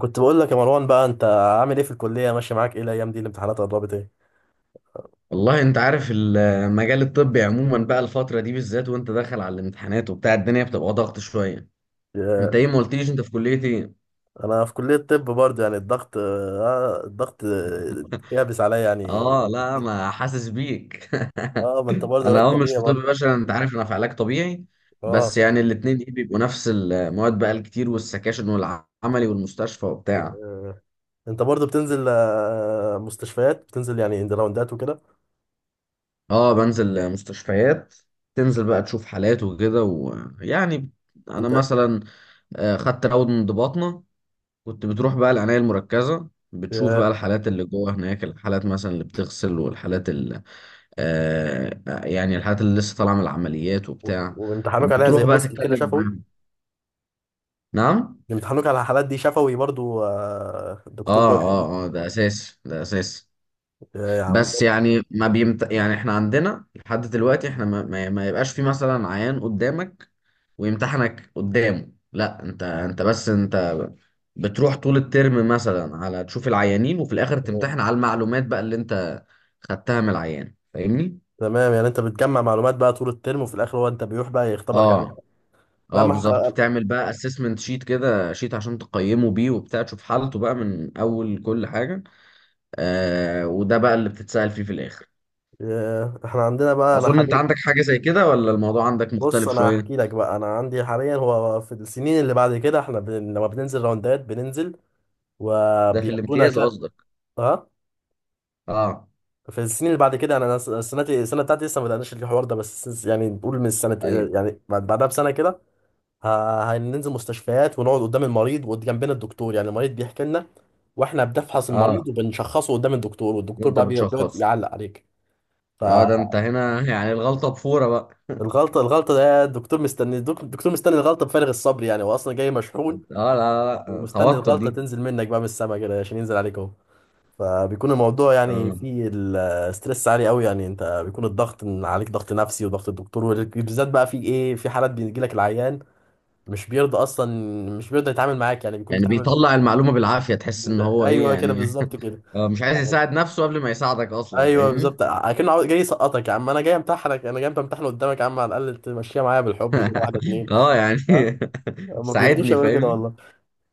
كنت بقول لك يا مروان، بقى انت عامل ايه في الكليه؟ ماشي معاك ايه الايام دي؟ الامتحانات قربت، ايه؟ والله انت عارف المجال الطبي عموما بقى، الفترة دي بالذات وانت داخل على الامتحانات وبتاع الدنيا بتبقى ضغط شوية. انت يا- ايه؟ ما قلتليش انت في كلية ايه؟ انا في كليه طب برضه، يعني الضغط، يابس عليا يعني. اه لا، ما حاسس بيك. اه، ما انت برضه انا لك مش طبيعي في طب برضه. بشري، انت عارف انا في علاج طبيعي. بس اه، يعني الاتنين ايه بيبقوا نفس المواد بقى، الكتير والسكاشن والعملي والمستشفى وبتاع. انت برضه بتنزل مستشفيات، بتنزل يعني عند راوندات وكده؟ اه، بنزل مستشفيات. تنزل بقى تشوف حالات وكده ويعني انا انت. مثلا خدت راود من ضباطنا. كنت بتروح بقى العناية المركزة، بتشوف بقى ياه. الحالات اللي جوه هناك، الحالات مثلا اللي بتغسل، والحالات اللي يعني الحالات اللي لسه طالعة من العمليات وبتاع. وامتحانوك عليها بتروح زي بقى اوسكي كده تتكلم شفوي؟ معاهم. نعم. امتحانوك على الحالات دي شفوي برضه، دكتور اه، بيتكلم؟ اه، اه، ده اساسي، ده اساسي. يا عم. بس يعني ما بيمت... يعني احنا عندنا لحد دلوقتي احنا ما يبقاش في مثلا عيان قدامك ويمتحنك قدامه، لا انت بس انت. بتروح طول الترم مثلا على تشوف العيانين، وفي الاخر تمام. تمتحن على المعلومات بقى اللي انت خدتها من العيان، فاهمني؟ تمام، يعني انت بتجمع معلومات بقى طول الترم، وفي الاخر هو انت بيروح بقى يختبرك عليها. اه، لا اه، ما. بالظبط، بتعمل بقى اسسمنت شيت كده، شيت عشان تقيمه بيه وبتاع، تشوف حالته بقى من اول كل حاجة. وده بقى اللي بتتسأل فيه في الاخر. ياه، احنا عندنا بقى انا اظن انت حاليا. عندك حاجة زي كده، ولا الموضوع عندك بص، مختلف انا شوية؟ هحكي لك بقى. انا عندي حاليا، هو في السنين اللي بعد كده احنا لما بننزل راوندات بننزل، ده في وبياخدونا الامتياز كده. قصدك؟ اه. اه. في السنين اللي بعد كده، انا سنتي، السنه بتاعتي لسه ما بدأناش الحوار ده، بس يعني نقول من السنه، ايوه، يعني بعدها بسنه كده. هننزل مستشفيات ونقعد قدام المريض وجنبنا الدكتور، يعني المريض بيحكي لنا، واحنا بنفحص اه. المريض وبنشخصه قدام الدكتور، والدكتور وانت بقى بيقعد بتشخص؟ يعلق عليك. اه، ده انت هنا يعني الغلطه بفوره بقى. الغلطة، ده الدكتور مستني، الدكتور مستني الغلطة بفارغ الصبر، يعني هو أصلا جاي اه، مشحون، لا لا لا، ومستني توتر دي. الغلطة تنزل منك بقى من السما كده عشان ينزل عليك أهو. فبيكون الموضوع يعني اه، فيه الستريس عالي قوي، يعني أنت بيكون الضغط، إن عليك ضغط نفسي وضغط الدكتور، وبالذات بقى في إيه، في حالات بيجي لك العيان مش بيرضى أصلا، مش بيرضى يتعامل معاك، يعني بيكون يعني بيتعامل. بيطلع المعلومه بالعافيه، تحس ان هو ايه أيوه كده يعني. بالظبط كده مش عايز يعني. يساعد نفسه قبل ما يساعدك اصلا، ايوه فاهمني؟ بالظبط، اكنه جاي يسقطك. يا عم، انا جاي امتحنك، انا جاي امتحن قدامك، يا عم على الاقل تمشيها معايا بالحب كده، واحده اتنين. اه يعني. ما بيرضوش ساعدني، يعملوا كده فاهمني؟ والله.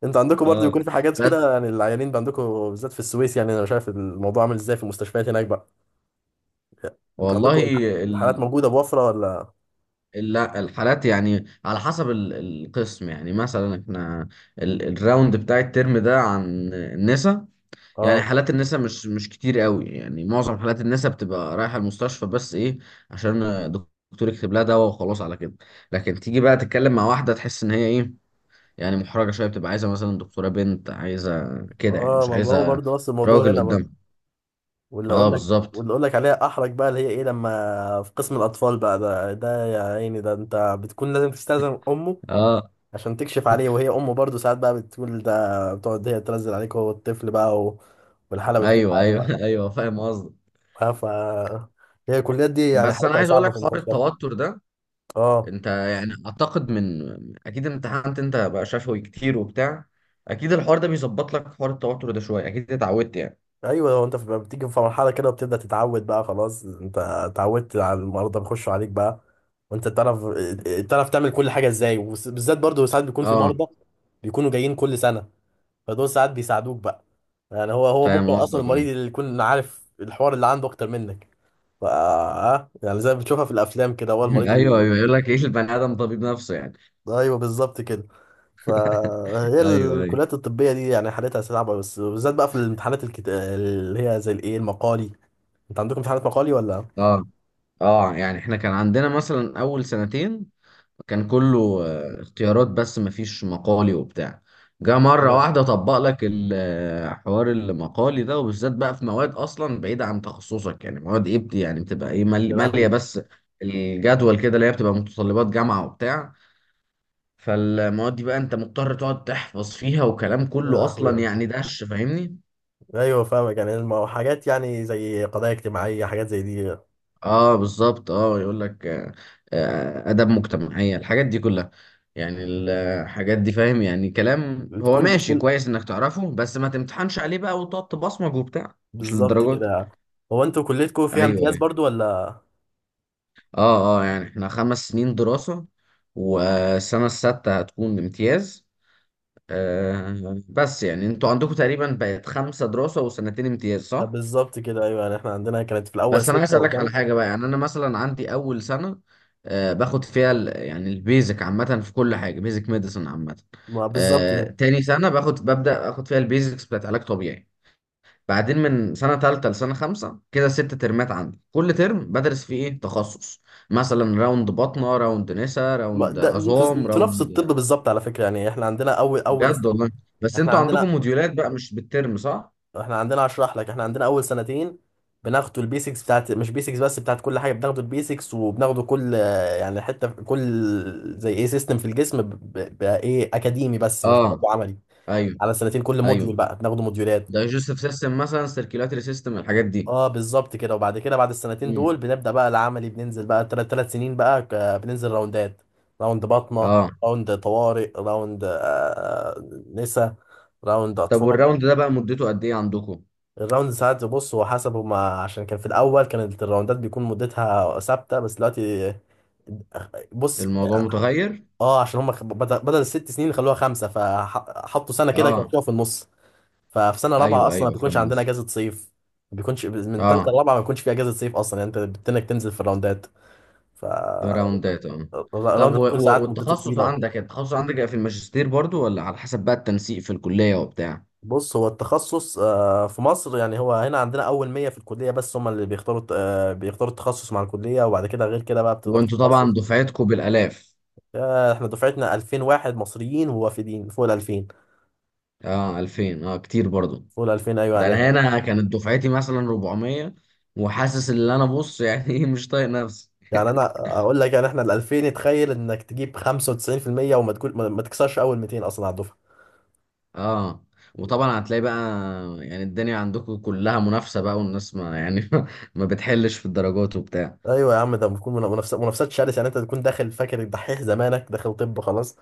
انتوا عندكم برضه اه، بيكون في حاجات بس كده، يعني العيانين بقى عندكم بالذات في السويس، يعني انا شايف الموضوع عامل ازاي في المستشفيات هناك بقى. انتوا عندكم والله الحالات ال... موجوده بوفره ولا؟ لا الحالات يعني على حسب القسم، يعني مثلا احنا الراوند بتاع الترم ده عن النسا. يعني اه، حالات النساء مش كتير قوي، يعني معظم حالات النساء بتبقى رايحة المستشفى بس ايه، عشان الدكتور يكتب لها دواء وخلاص على كده. لكن تيجي بقى تتكلم مع واحدة، تحس ان هي ايه، يعني محرجة شوية، بتبقى عايزة مثلا دكتورة بنت، عايزة كده يعني اه، مش ما هو عايزة برضه نفس الموضوع راجل هنا قدامها. برضه. واللي اه، اقول لك بالظبط، واللي اقول لك عليها احرج بقى، اللي هي ايه، لما في قسم الاطفال بقى ده، يا عيني، ده انت بتكون لازم تستأذن امه اه. عشان تكشف عليه، وهي امه برضه ساعات بقى بتقول ده، بتقعد هي تنزل عليك هو الطفل بقى والحاله بتكون ايوه، ايوه، حاله. ايوه، فاهم قصدك. آه، ف هي الكليات دي يعني بس انا حياتها عايز اقول صعبة لك في حوار انتشار. التوتر ده. اه. انت يعني اعتقد من، اكيد امتحنت انت بقى شفوي كتير وبتاع، اكيد الحوار ده بيظبط لك حوار التوتر ده شوية، اكيد اتعودت يعني. ايوه، هو انت بتيجي في مرحلة كده وبتبدأ تتعود بقى، خلاص انت اتعودت على المرضى بيخشوا عليك بقى، وانت تعرف تعمل كل حاجة ازاي، وبالذات برضه ساعات بيكون في اه، مرضى بيكونوا جايين كل سنة، فدول ساعات بيساعدوك بقى. يعني هو ممكن فاهم اصلا قصدك، اه. المريض اللي يكون عارف الحوار اللي عنده اكتر منك. ف آه، يعني زي ما بتشوفها في الافلام كده، هو المريض. ايوه، ايوه، يقول لك ايه، البني ادم طبيب نفسه يعني. ايوه بالظبط كده. فهي ايوه، ايوه. الكليات الطبيه دي يعني حالتها صعبه، بس بالذات بقى في الامتحانات اللي هي زي الايه، المقالي. انت عندكم امتحانات مقالي ولا؟ اه، اه، يعني احنا كان عندنا مثلا اول سنتين كان كله اختيارات، بس مفيش مقالي وبتاع. جه مرة اه. واحدة طبق لك حوار المقالي ده، وبالذات بقى في مواد اصلا بعيدة عن تخصصك، يعني مواد ايه يعني بتبقى ايه يا مالية لهوي. بس، الجدول كده اللي هي بتبقى متطلبات جامعة وبتاع. فالمواد دي بقى انت مضطر تقعد تحفظ فيها وكلام يا كله لهوي يا اصلا رب. يعني دش، فاهمني؟ ايوه فاهمك. يعني حاجات، يعني زي قضايا اجتماعيه، حاجات زي دي. اه، بالظبط، اه، يقول لك اداب مجتمعيه، الحاجات دي كلها. يعني الحاجات دي فاهم، يعني كلام هو بتكون ماشي بتكون كويس انك تعرفه، بس ما تمتحنش عليه بقى وتقعد تبصمج وبتاع، مش بالظبط للدرجه كده دي. يعني. هو انتوا كليتكم فيها ايوه، امتياز ايوه. برضو ولا؟ اه، اه، يعني احنا 5 سنين دراسه، والسنه السادسه هتكون امتياز. بس يعني انتوا عندكم تقريبا بقت خمسه دراسه وسنتين امتياز، صح؟ بالظبط كده، ايوه، يعني احنا عندنا كانت في الاول بس انا عايز سته اسالك على وسنه. حاجه بقى، يعني انا مثلا عندي اول سنه باخد فيها يعني البيزك عامه، في كل حاجه بيزك ميديسن عامه. ما بالظبط كده. تاني سنه ببدا اخد فيها البيزكس بتاعت علاج طبيعي. بعدين من سنه تالته لسنه خمسه كده، 6 ترمات عندي، كل ترم بدرس فيه ايه تخصص، مثلا راوند بطنه، راوند نسا، راوند ده انتوا عظام، انتوا نفس راوند. الطب بالظبط على فكره، يعني احنا عندنا اول. بجد والله؟ بس احنا انتوا عندكم عندنا موديولات بقى مش بالترم، صح؟ احنا عندنا اشرح لك، احنا عندنا اول سنتين بناخدوا البيسكس بتاعت مش بيسكس بس، بتاعت كل حاجه، بناخدوا البيسكس وبناخدوا كل يعني حته في كل زي ايه، سيستم في الجسم بقى ايه، اكاديمي بس مش بناخده اه، عملي. ايوه، على سنتين كل موديول ايوه، بقى بناخده، موديولات. ده جوزيف سيستم مثلا، سيركيلاتري سيستم، الحاجات دي. اه بالظبط كده. وبعد كده بعد السنتين دول بنبدا بقى العملي، بننزل بقى ثلاث سنين بقى، بننزل راوندات، راوند بطنه، اه، راوند طوارئ، راوند نسا، راوند طب اطفال. والراوند ده بقى مدته قد ايه عندكم؟ الراوند ساعات، بص هو حسب هما، عشان كان في الاول كانت الراوندات بيكون مدتها ثابته، بس دلوقتي. بص. الموضوع متغير. اه، عشان هما بدل الست سنين خلوها خمسه، فحطوا سنه كده اه، كانوا في النص. ففي سنه رابعه ايوه، اصلا ما ايوه، بيكونش فاهم. عندنا اجازه صيف، ما بيكونش من ثالثه اه، لرابعه ما بيكونش في اجازه صيف اصلا، يعني انت بتنك تنزل في الراوندات. ف ده راوندات، اه. طب الراوند بيكون ساعات مدته والتخصص طويله. عندك بقى في الماجستير برضو، ولا على حسب بقى التنسيق في الكلية وبتاع؟ بص، هو التخصص في مصر، يعني هو هنا عندنا اول 100 في الكليه بس هم اللي بيختاروا، بيختاروا التخصص مع الكليه، وبعد كده غير كده بقى بتروح وانتوا تتخصص. طبعا دفعتكم بالالاف. احنا دفعتنا 2000 واحد مصريين، ووافدين فوق ال 2000. اه، 2000، اه كتير برضو. فوق ال 2000، ايوه ده يعني. انا هنا كانت دفعتي مثلا 400، وحاسس ان انا بص يعني ايه، مش طايق نفسي. يعني انا اقول لك، يعني احنا ال 2000، تخيل انك تجيب 95% وما تكون ما تكسرش اول 200 اصلا على الدفعه. اه، وطبعا هتلاقي بقى، يعني الدنيا عندكم كلها منافسة بقى، والناس ما يعني ما بتحلش في الدرجات وبتاع. ايوه يا عم، ده بتكون منافسات شرسه، يعني انت تكون داخل فاكر الدحيح زمانك، داخل طب خلاص.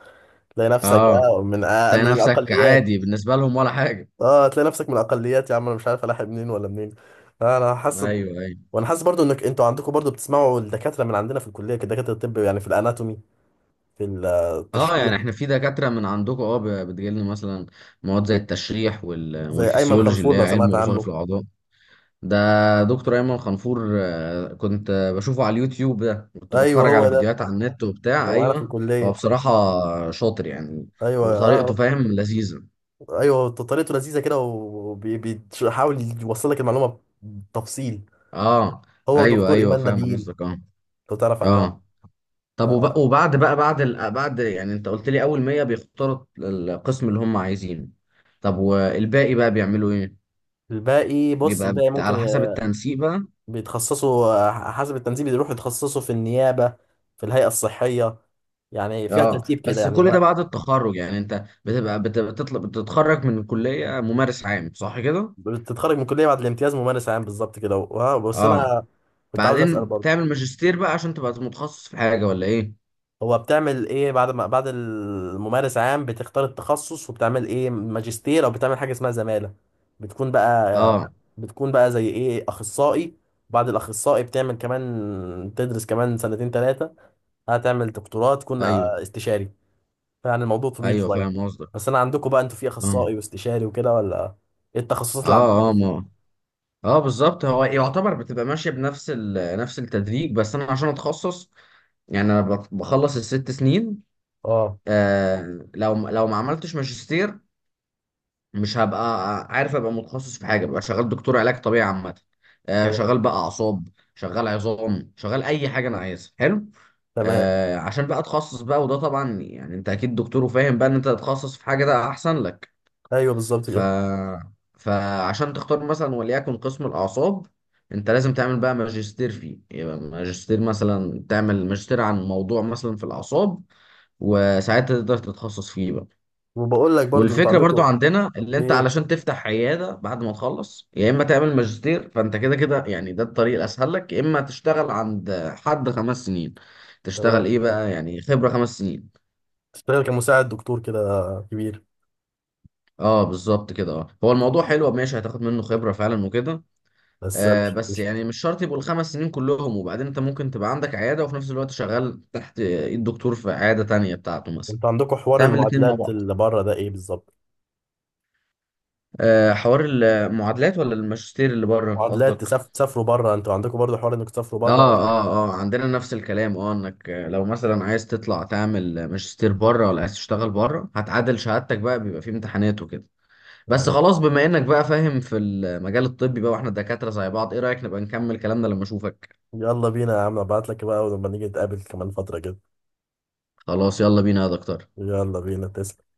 تلاقي نفسك اه، آه، من آه، تلاقي من نفسك الاقليات. عادي بالنسبة لهم، ولا حاجة. اه، هتلاقي نفسك من الاقليات. يا عم انا مش عارف الاحق منين ولا منين. انا حاسس ايوه، ايوه. وانا حاسس برضو انك انتوا عندكم برضو بتسمعوا الدكاتره من عندنا في الكليه، كدكاتره الطب، يعني في الاناتومي، في اه، التشريح. يعني احنا في دكاترة من عندكم، بتجيلنا مثلا مواد زي التشريح زي ايمن والفسيولوجي اللي خلفول هي لو علم سمعت وظائف عنه. الأعضاء. ده دكتور ايمن خنفور، كنت بشوفه على اليوتيوب، ده كنت ايوه، بتفرج على هو ده. فيديوهات على النت وبتاع، ده معانا في ايوه. هو الكليه. بصراحة شاطر يعني. ايوه وطريقته اه. فاهم لذيذة. ايوه، طريقته لذيذه كده، وبيحاول يوصل لك المعلومه بتفصيل. اه، هو ايوه، دكتور ايوه، ايمان فاهم نبيل. قصدك، اه، لو تعرف عنها. اه. طب وبعد بقى بعد يعني انت قلت لي اول 100 بيختاروا القسم اللي هم عايزينه. طب والباقي بقى بيعملوا ايه؟ فالباقي، بص بيبقى الباقي ممكن، على حسب التنسيق بقى. بيتخصصوا حسب التنسيب، بيروحوا يتخصصوا في النيابة، في الهيئة الصحية، يعني فيها اه، ترتيب كده بس يعني كل ده بعد التخرج، يعني انت بتبقى بتطلب بتتخرج من الكلية ممارس عام، صح كده؟ بتتخرج من الكلية بعد الامتياز ممارس عام، بالظبط كده. بس اه، أنا كنت عاوز أسأل بعدين برضه. بتعمل ماجستير بقى عشان تبقى متخصص في حاجة ولا ايه؟ هو بتعمل إيه بعد ما بعد الممارس عام؟ بتختار التخصص، وبتعمل إيه ماجستير، أو بتعمل حاجة اسمها زمالة. بتكون بقى اه، بتكون بقى زي إيه، أخصائي. بعد الأخصائي بتعمل كمان، تدرس كمان سنتين ثلاثة، هتعمل دكتوراه تكون ايوه، استشاري. يعني الموضوع طويل ايوه، شويه. فاهم قصدك، بس انا عندكم بقى، انتوا في اه، اخصائي واستشاري وكده ولا؟ ايه التخصصات اللي عندكم اه، اه، اصلا؟ ما، اه، بالظبط هو يعتبر بتبقى ماشيه بنفس نفس التدريج، بس انا عشان اتخصص، يعني انا بخلص الست سنين. اه. لو ما عملتش ماجستير، مش هبقى عارف ابقى متخصص في حاجه، ببقى شغال دكتور علاج طبيعي عامه. تمام. شغال بقى اعصاب، شغال عظام، شغال اي حاجه انا عايزها، حلو. تمام. عشان بقى اتخصص بقى، وده طبعا يعني انت اكيد دكتور وفاهم بقى ان انت تتخصص في حاجه، ده احسن لك. ايوه بالظبط ف... كده. فعشان تختار مثلا وليكن قسم الأعصاب، أنت لازم تعمل بقى ماجستير فيه، يبقى ماجستير مثلا تعمل ماجستير عن موضوع مثلا في الأعصاب، وساعتها تقدر تتخصص فيه بقى. وبقول لك برضو، انتوا والفكرة برضو عندكم عندنا اللي انت ايه؟ علشان تفتح عيادة بعد ما تخلص، يا اما تعمل ماجستير، فانت كده كده يعني، ده الطريق الاسهل لك، يا اما تشتغل عند حد 5 سنين، تشتغل تمام. ايه بقى، يعني خبرة 5 سنين. تشتغل كمساعد دكتور كده، كبير. اه، بالظبط كده، اه، هو الموضوع حلو ماشي، هتاخد منه خبرة فعلا وكده. بس مش بس مش يعني مش شرط يبقوا الخمس سنين كلهم، وبعدين انت ممكن تبقى عندك عيادة، وفي نفس الوقت شغال تحت ايد دكتور في عيادة تانية بتاعته مثلا، انتوا عندكم حوار تعمل الاتنين مع المعادلات بعض. اللي بره، ده ايه بالظبط؟ حوار المعادلات ولا الماجستير اللي بره معادلات، قصدك؟ تسافروا بره، انتوا عندكم برضو حوار انك تسافروا بره اه، ولا إيه؟ اه، اه، عندنا نفس الكلام، اه، انك لو مثلا عايز تطلع تعمل ماجستير بره، ولا عايز تشتغل بره، هتعادل شهادتك بقى، بيبقى في امتحانات وكده. بس تمام. خلاص، بما انك بقى فاهم في المجال الطبي بقى، واحنا دكاترة زي بعض، ايه رأيك نبقى نكمل كلامنا لما اشوفك؟ يلا بينا يا عم، ابعت لك بقى، ولما نيجي نتقابل كمان فتره كده. خلاص يلا بينا يا دكتور. يلا بينا، تسلم.